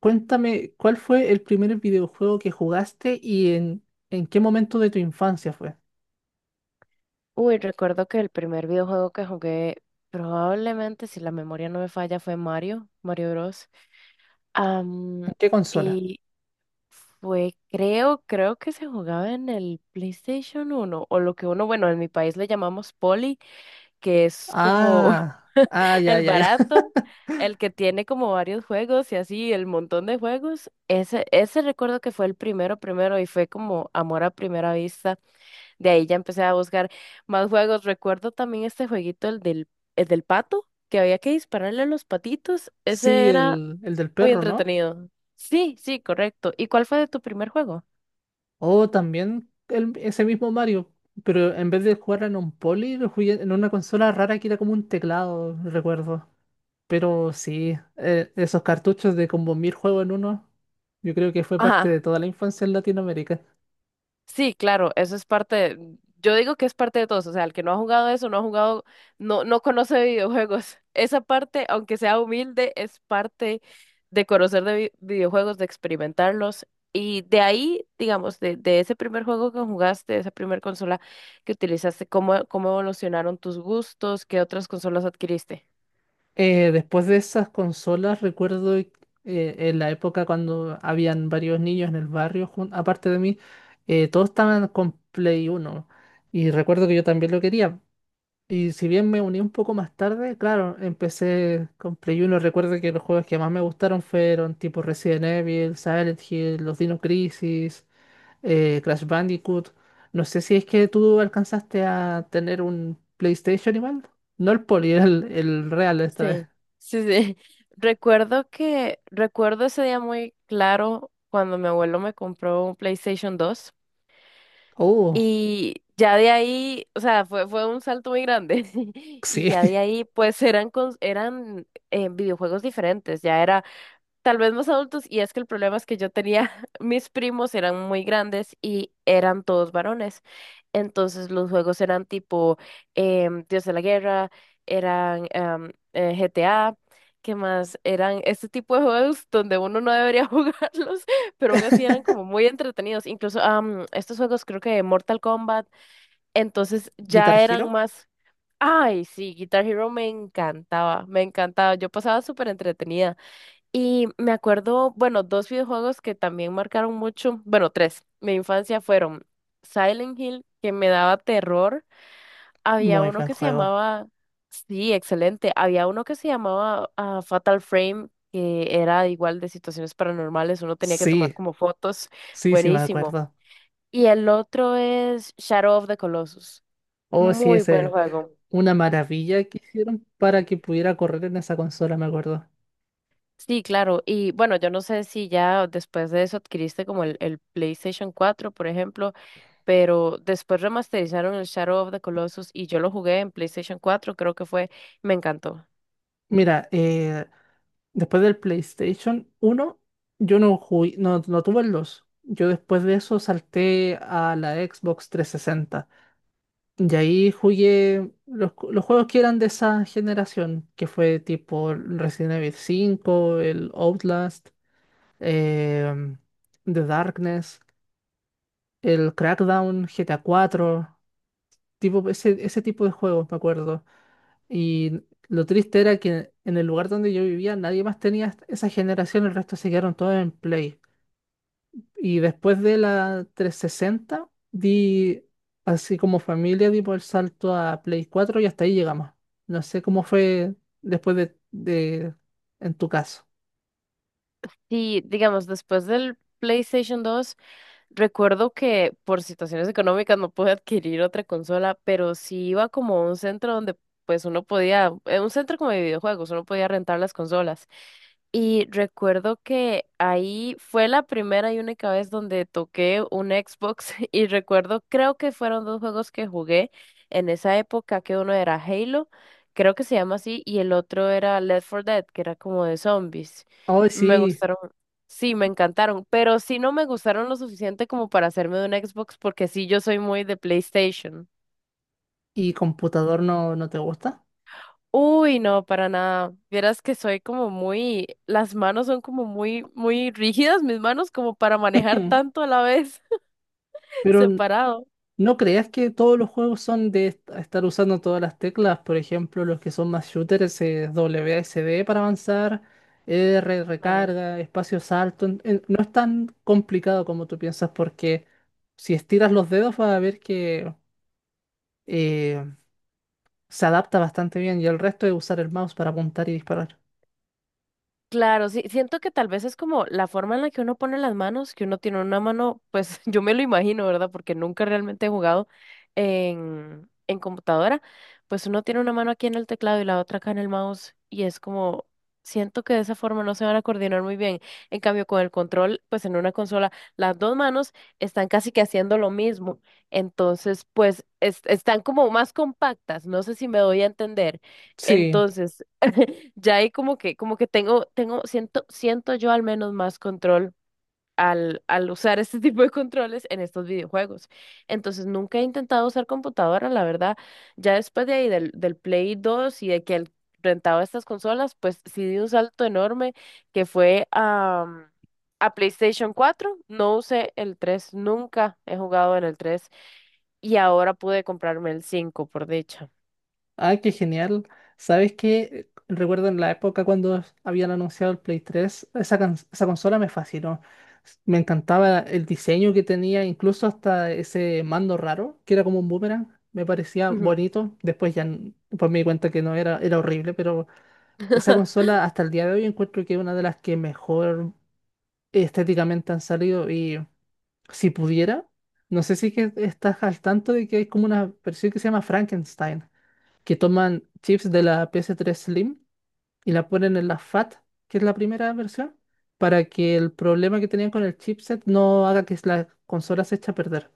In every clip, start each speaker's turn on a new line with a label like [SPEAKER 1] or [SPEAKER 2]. [SPEAKER 1] Cuéntame, ¿cuál fue el primer videojuego que jugaste y en qué momento de tu infancia fue?
[SPEAKER 2] Uy, recuerdo que el primer videojuego que jugué, probablemente, si la memoria no me falla, fue Mario Bros. Am,
[SPEAKER 1] ¿En qué consola?
[SPEAKER 2] y fue, creo que se jugaba en el PlayStation 1 o lo que uno, bueno, en mi país le llamamos Poli, que es como
[SPEAKER 1] Ah, ah, ya,
[SPEAKER 2] el
[SPEAKER 1] ya, ya.
[SPEAKER 2] barato, el que tiene como varios juegos y así, el montón de juegos. Ese recuerdo que fue el primero, primero, y fue como amor a primera vista. De ahí ya empecé a buscar más juegos. Recuerdo también este jueguito, el del pato, que había que dispararle a los patitos.
[SPEAKER 1] Sí,
[SPEAKER 2] Ese era
[SPEAKER 1] el del
[SPEAKER 2] muy
[SPEAKER 1] perro, ¿no?
[SPEAKER 2] entretenido. Sí, sí, correcto. ¿Y cuál fue de tu primer juego?
[SPEAKER 1] O también ese mismo Mario, pero en vez de jugar en un poli, lo jugué en una consola rara que era como un teclado, recuerdo. Pero sí, esos cartuchos de como mil juegos en uno, yo creo que fue parte de
[SPEAKER 2] Ajá.
[SPEAKER 1] toda la infancia en Latinoamérica.
[SPEAKER 2] Sí, claro, eso es yo digo que es parte de todos, o sea, el que no ha jugado eso, no ha jugado, no, no conoce videojuegos. Esa parte, aunque sea humilde, es parte de conocer de videojuegos, de experimentarlos. Y de ahí, digamos, de ese primer juego que jugaste, de esa primer consola que utilizaste, ¿cómo evolucionaron tus gustos? ¿Qué otras consolas adquiriste?
[SPEAKER 1] Después de esas consolas, recuerdo, en la época cuando habían varios niños en el barrio, aparte de mí, todos estaban con Play Uno. Y recuerdo que yo también lo quería. Y si bien me uní un poco más tarde, claro, empecé con Play Uno. Recuerdo que los juegos que más me gustaron fueron tipo Resident Evil, Silent Hill, los Dino Crisis, Crash Bandicoot. No sé si es que tú alcanzaste a tener un PlayStation igual. No el Poli, el real esta vez.
[SPEAKER 2] Sí, sí, sí. Recuerdo ese día muy claro cuando mi abuelo me compró un PlayStation 2.
[SPEAKER 1] Oh,
[SPEAKER 2] Y ya de ahí, o sea, fue un salto muy grande. Y
[SPEAKER 1] sí.
[SPEAKER 2] ya de ahí, pues eran videojuegos diferentes. Ya era tal vez más adultos, y es que el problema es que yo tenía, mis primos eran muy grandes y eran todos varones. Entonces los juegos eran tipo Dios de la Guerra, eran GTA, ¿qué más? Eran este tipo de juegos donde uno no debería jugarlos, pero aún así eran como muy entretenidos. Incluso estos juegos creo que de Mortal Kombat, entonces
[SPEAKER 1] Guitar
[SPEAKER 2] ya eran
[SPEAKER 1] Hero,
[SPEAKER 2] más. Ay, sí, Guitar Hero me encantaba, yo pasaba súper entretenida. Y me acuerdo, bueno, dos videojuegos que también marcaron mucho, bueno, tres, mi infancia fueron Silent Hill, que me daba terror. Había
[SPEAKER 1] muy
[SPEAKER 2] uno
[SPEAKER 1] buen
[SPEAKER 2] que se
[SPEAKER 1] juego.
[SPEAKER 2] llamaba, sí, excelente, había uno que se llamaba Fatal Frame, que era igual de situaciones paranormales, uno tenía que tomar
[SPEAKER 1] Sí,
[SPEAKER 2] como fotos,
[SPEAKER 1] sí, sí me
[SPEAKER 2] buenísimo.
[SPEAKER 1] acuerdo.
[SPEAKER 2] Y el otro es Shadow of the Colossus,
[SPEAKER 1] Oh, sí,
[SPEAKER 2] muy buen
[SPEAKER 1] ese,
[SPEAKER 2] juego.
[SPEAKER 1] una maravilla que hicieron para que pudiera correr en esa consola, me acuerdo.
[SPEAKER 2] Sí, claro. Y bueno, yo no sé si ya después de eso adquiriste como el PlayStation 4 por ejemplo, pero después remasterizaron el Shadow of the Colossus y yo lo jugué en PlayStation 4 creo que fue, me encantó.
[SPEAKER 1] Mira, después del PlayStation 1, yo no jugué, no, no tuve el 2. Yo después de eso salté a la Xbox 360. Y ahí jugué los juegos que eran de esa generación, que fue tipo Resident Evil 5, el Outlast. em, The Darkness, el Crackdown, GTA 4, tipo, ese tipo de juegos, me acuerdo. Y lo triste era que en el lugar donde yo vivía nadie más tenía esa generación, el resto se quedaron todos en Play. Y después de la 360 di, así como familia, di por el salto a Play 4 y hasta ahí llegamos. No sé cómo fue después de, de- en tu caso.
[SPEAKER 2] Sí, digamos, después del PlayStation 2. Recuerdo que por situaciones económicas no pude adquirir otra consola, pero sí iba como a un centro donde pues uno podía, un centro como de videojuegos, uno podía rentar las consolas. Y recuerdo que ahí fue la primera y única vez donde toqué un Xbox y recuerdo, creo que fueron dos juegos que jugué en esa época, que uno era Halo, creo que se llama así, y el otro era Left 4 Dead, que era como de zombies.
[SPEAKER 1] Oh
[SPEAKER 2] Me
[SPEAKER 1] sí,
[SPEAKER 2] gustaron. Sí, me encantaron, pero sí no me gustaron lo suficiente como para hacerme de un Xbox, porque sí yo soy muy de PlayStation.
[SPEAKER 1] ¿y computador no, no te gusta?
[SPEAKER 2] Uy, no, para nada. Vieras que soy como muy, las manos son como muy, muy rígidas, mis manos como para manejar tanto a la vez,
[SPEAKER 1] Pero
[SPEAKER 2] separado.
[SPEAKER 1] no creas que todos los juegos son de estar usando todas las teclas. Por ejemplo, los que son más shooters es WASD para avanzar, R, recarga, espacio salto. No es tan complicado como tú piensas porque si estiras los dedos vas a ver que eh, se adapta bastante bien y el resto es usar el mouse para apuntar y disparar.
[SPEAKER 2] Claro, sí, siento que tal vez es como la forma en la que uno pone las manos, que uno tiene una mano, pues yo me lo imagino, ¿verdad? Porque nunca realmente he jugado en computadora, pues uno tiene una mano aquí en el teclado y la otra acá en el mouse y es como, siento que de esa forma no se van a coordinar muy bien. En cambio, con el control, pues en una consola, las dos manos están casi que haciendo lo mismo, entonces, pues están como más compactas, no sé si me doy a entender.
[SPEAKER 1] Sí.
[SPEAKER 2] Entonces. Ya ahí como que tengo, siento yo al menos más control al usar este tipo de controles en estos videojuegos. Entonces nunca he intentado usar computadora, la verdad. Ya después de ahí del Play 2 y de que rentaba estas consolas, pues sí di un salto enorme que fue a PlayStation 4. No usé el tres. Nunca he jugado en el 3 y ahora pude comprarme el 5 por dicha.
[SPEAKER 1] Ah, qué genial. ¿Sabes qué? Recuerdo en la época cuando habían anunciado el Play 3, esa, esa consola me fascinó. Me encantaba el diseño que tenía, incluso hasta ese mando raro, que era como un boomerang. Me parecía
[SPEAKER 2] Ujú.
[SPEAKER 1] bonito. Después ya pues me di cuenta que no era, era horrible, pero esa consola hasta el día de hoy encuentro que es una de las que mejor estéticamente han salido. Y si pudiera, no sé si que estás al tanto de que hay como una versión que se llama Frankenstein, que toman chips de la PS3 Slim y la ponen en la FAT, que es la primera versión, para que el problema que tenían con el chipset no haga que la consola se eche a perder.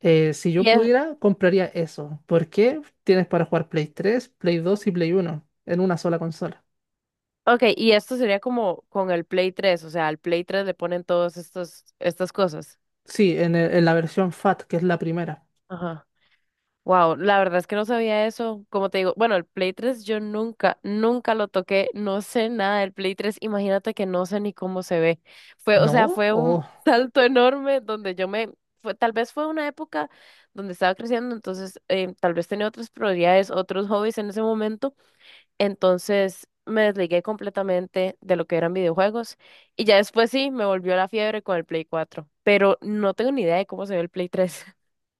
[SPEAKER 1] Si yo
[SPEAKER 2] Y es,
[SPEAKER 1] pudiera, compraría eso, porque tienes para jugar Play 3, Play 2 y Play 1 en una sola consola.
[SPEAKER 2] Ok, y esto sería como con el Play 3, o sea, al Play 3 le ponen todas estas cosas.
[SPEAKER 1] Sí, en la versión FAT, que es la primera.
[SPEAKER 2] Ajá. Wow, la verdad es que no sabía eso. Como te digo, bueno, el Play 3 yo nunca, nunca lo toqué, no sé nada del Play 3, imagínate que no sé ni cómo se ve. Fue, o sea,
[SPEAKER 1] ¿No?
[SPEAKER 2] fue un
[SPEAKER 1] O
[SPEAKER 2] salto enorme donde tal vez fue una época donde estaba creciendo, entonces tal vez tenía otras prioridades, otros hobbies en ese momento. Entonces me desligué completamente de lo que eran videojuegos y ya después sí me volvió la fiebre con el Play 4 pero no tengo ni idea de cómo se ve el Play 3.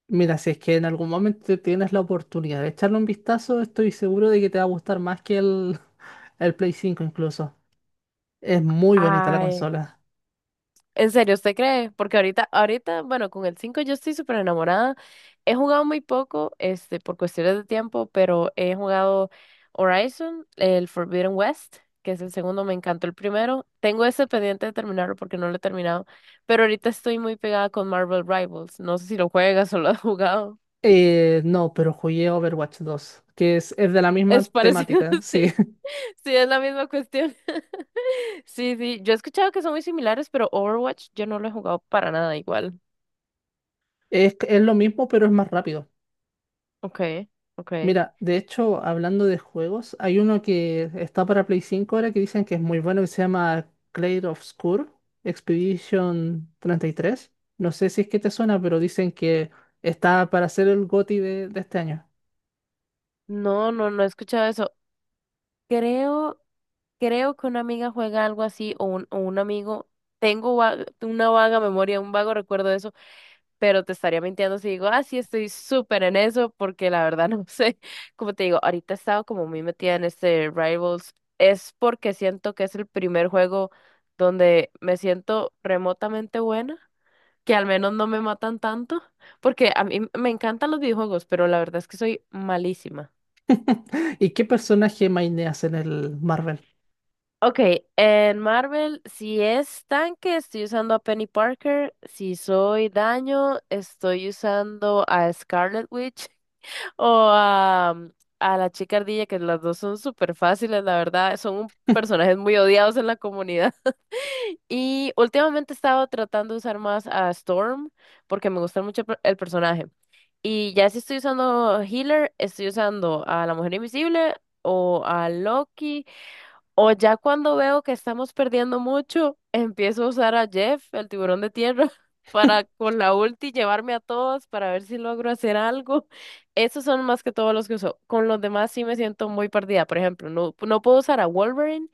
[SPEAKER 1] mira, si es que en algún momento tienes la oportunidad de echarle un vistazo, estoy seguro de que te va a gustar más que el Play 5 incluso. Es muy bonita la
[SPEAKER 2] Ay.
[SPEAKER 1] consola.
[SPEAKER 2] ¿En serio usted cree? Porque ahorita, ahorita, bueno, con el 5 yo estoy súper enamorada. He jugado muy poco, este, por cuestiones de tiempo, pero he jugado Horizon, el Forbidden West, que es el segundo, me encantó el primero. Tengo ese pendiente de terminarlo porque no lo he terminado, pero ahorita estoy muy pegada con Marvel Rivals. No sé si lo juegas o lo has jugado.
[SPEAKER 1] No, pero jugué Overwatch 2, es de la misma
[SPEAKER 2] Es parecido,
[SPEAKER 1] temática, sí.
[SPEAKER 2] sí. Sí, es la misma cuestión. Sí, sí. Yo he escuchado que son muy similares, pero Overwatch yo no lo he jugado para nada igual.
[SPEAKER 1] Es lo mismo, pero es más rápido.
[SPEAKER 2] Okay, ok.
[SPEAKER 1] Mira, de hecho, hablando de juegos, hay uno que está para Play 5 ahora que dicen que es muy bueno, que se llama Clair Obscur Expedition 33. No sé si es que te suena, pero dicen que está para ser el GOTY de este año.
[SPEAKER 2] No, no, no he escuchado eso. Creo, creo que una amiga juega algo así o un amigo. Tengo una vaga memoria, un vago recuerdo de eso, pero te estaría mintiendo si digo, ah, sí, estoy súper en eso, porque la verdad no sé. Como te digo, ahorita he estado como muy metida en este Rivals. Es porque siento que es el primer juego donde me siento remotamente buena, que al menos no me matan tanto, porque a mí me encantan los videojuegos, pero la verdad es que soy malísima.
[SPEAKER 1] ¿Y qué personaje maineas en el Marvel?
[SPEAKER 2] Ok, en Marvel, si es tanque, estoy usando a Penny Parker. Si soy daño, estoy usando a Scarlet Witch o a la chica ardilla, que las dos son súper fáciles, la verdad. Son personajes muy odiados en la comunidad. Y últimamente he estado tratando de usar más a Storm porque me gusta mucho el personaje. Y ya si estoy usando healer, estoy usando a la Mujer Invisible o a Loki. O ya cuando veo que estamos perdiendo mucho, empiezo a usar a Jeff, el tiburón de tierra, para con la ulti llevarme a todos para ver si logro hacer algo. Esos son más que todos los que uso. Con los demás sí me siento muy perdida. Por ejemplo, no, no puedo usar a Wolverine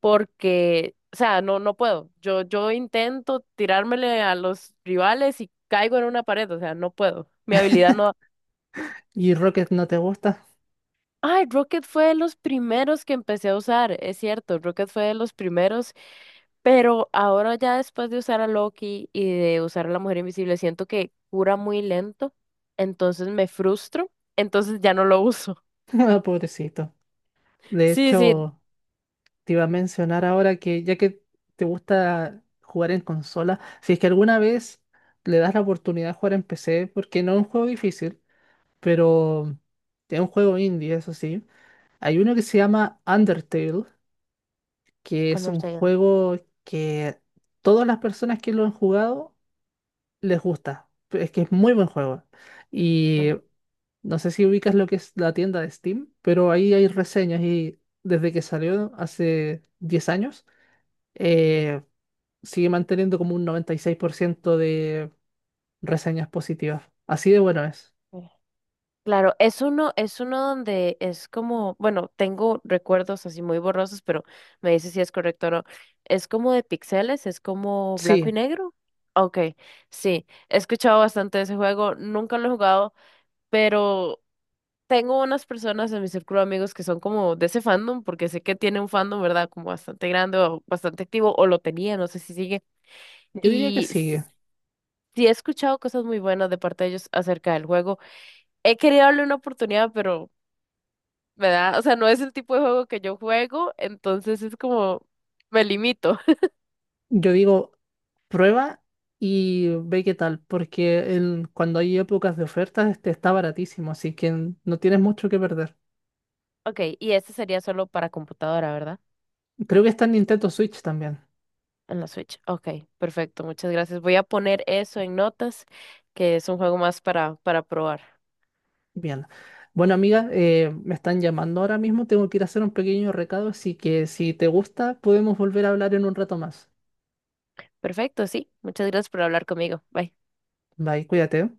[SPEAKER 2] porque, o sea, no, no puedo. Yo intento tirármele a los rivales y caigo en una pared, o sea, no puedo. Mi habilidad no.
[SPEAKER 1] ¿Y Rocket no te gusta?
[SPEAKER 2] Ay, Rocket fue de los primeros que empecé a usar, es cierto, Rocket fue de los primeros, pero ahora ya después de usar a Loki y de usar a la Mujer Invisible, siento que cura muy lento, entonces me frustro, entonces ya no lo uso.
[SPEAKER 1] Ah, pobrecito. De
[SPEAKER 2] Sí, sí,
[SPEAKER 1] hecho, te iba a mencionar ahora que ya que te gusta jugar en consola, si es que alguna vez le das la oportunidad de jugar en PC, porque no es un juego difícil, pero es un juego indie, eso sí. Hay uno que se llama Undertale, que es un
[SPEAKER 2] Undertale,
[SPEAKER 1] juego que todas las personas que lo han jugado les gusta. Es que es muy buen juego. Y
[SPEAKER 2] ok.
[SPEAKER 1] no sé si ubicas lo que es la tienda de Steam, pero ahí hay reseñas y desde que salió hace 10 años eh, sigue manteniendo como un 96% de reseñas positivas. Así de bueno es.
[SPEAKER 2] Ok. Claro, es uno donde es como, bueno, tengo recuerdos así muy borrosos, pero me dice si es correcto o no. Es como de píxeles, es como blanco
[SPEAKER 1] Sí,
[SPEAKER 2] y negro. Ok, sí, he escuchado bastante de ese juego, nunca lo he jugado, pero tengo unas personas en mi círculo de amigos que son como de ese fandom, porque sé que tiene un fandom, ¿verdad? Como bastante grande o bastante activo, o lo tenía, no sé si sigue.
[SPEAKER 1] yo diría que
[SPEAKER 2] Y
[SPEAKER 1] sigue.
[SPEAKER 2] s- sí he escuchado cosas muy buenas de parte de ellos acerca del juego. He querido darle una oportunidad, pero, ¿verdad? O sea, no es el tipo de juego que yo juego, entonces es como me limito.
[SPEAKER 1] Yo digo, prueba y ve qué tal, porque el cuando hay épocas de ofertas este está baratísimo, así que no tienes mucho que perder.
[SPEAKER 2] Ok, y este sería solo para computadora, ¿verdad?
[SPEAKER 1] Creo que está en Nintendo Switch también.
[SPEAKER 2] En la Switch. Ok, perfecto, muchas gracias. Voy a poner eso en notas, que es un juego más para probar.
[SPEAKER 1] Bien. Bueno, amiga, me están llamando ahora mismo, tengo que ir a hacer un pequeño recado, así que si te gusta, podemos volver a hablar en un rato más.
[SPEAKER 2] Perfecto, sí. Muchas gracias por hablar conmigo. Bye.
[SPEAKER 1] Bye, cuídate.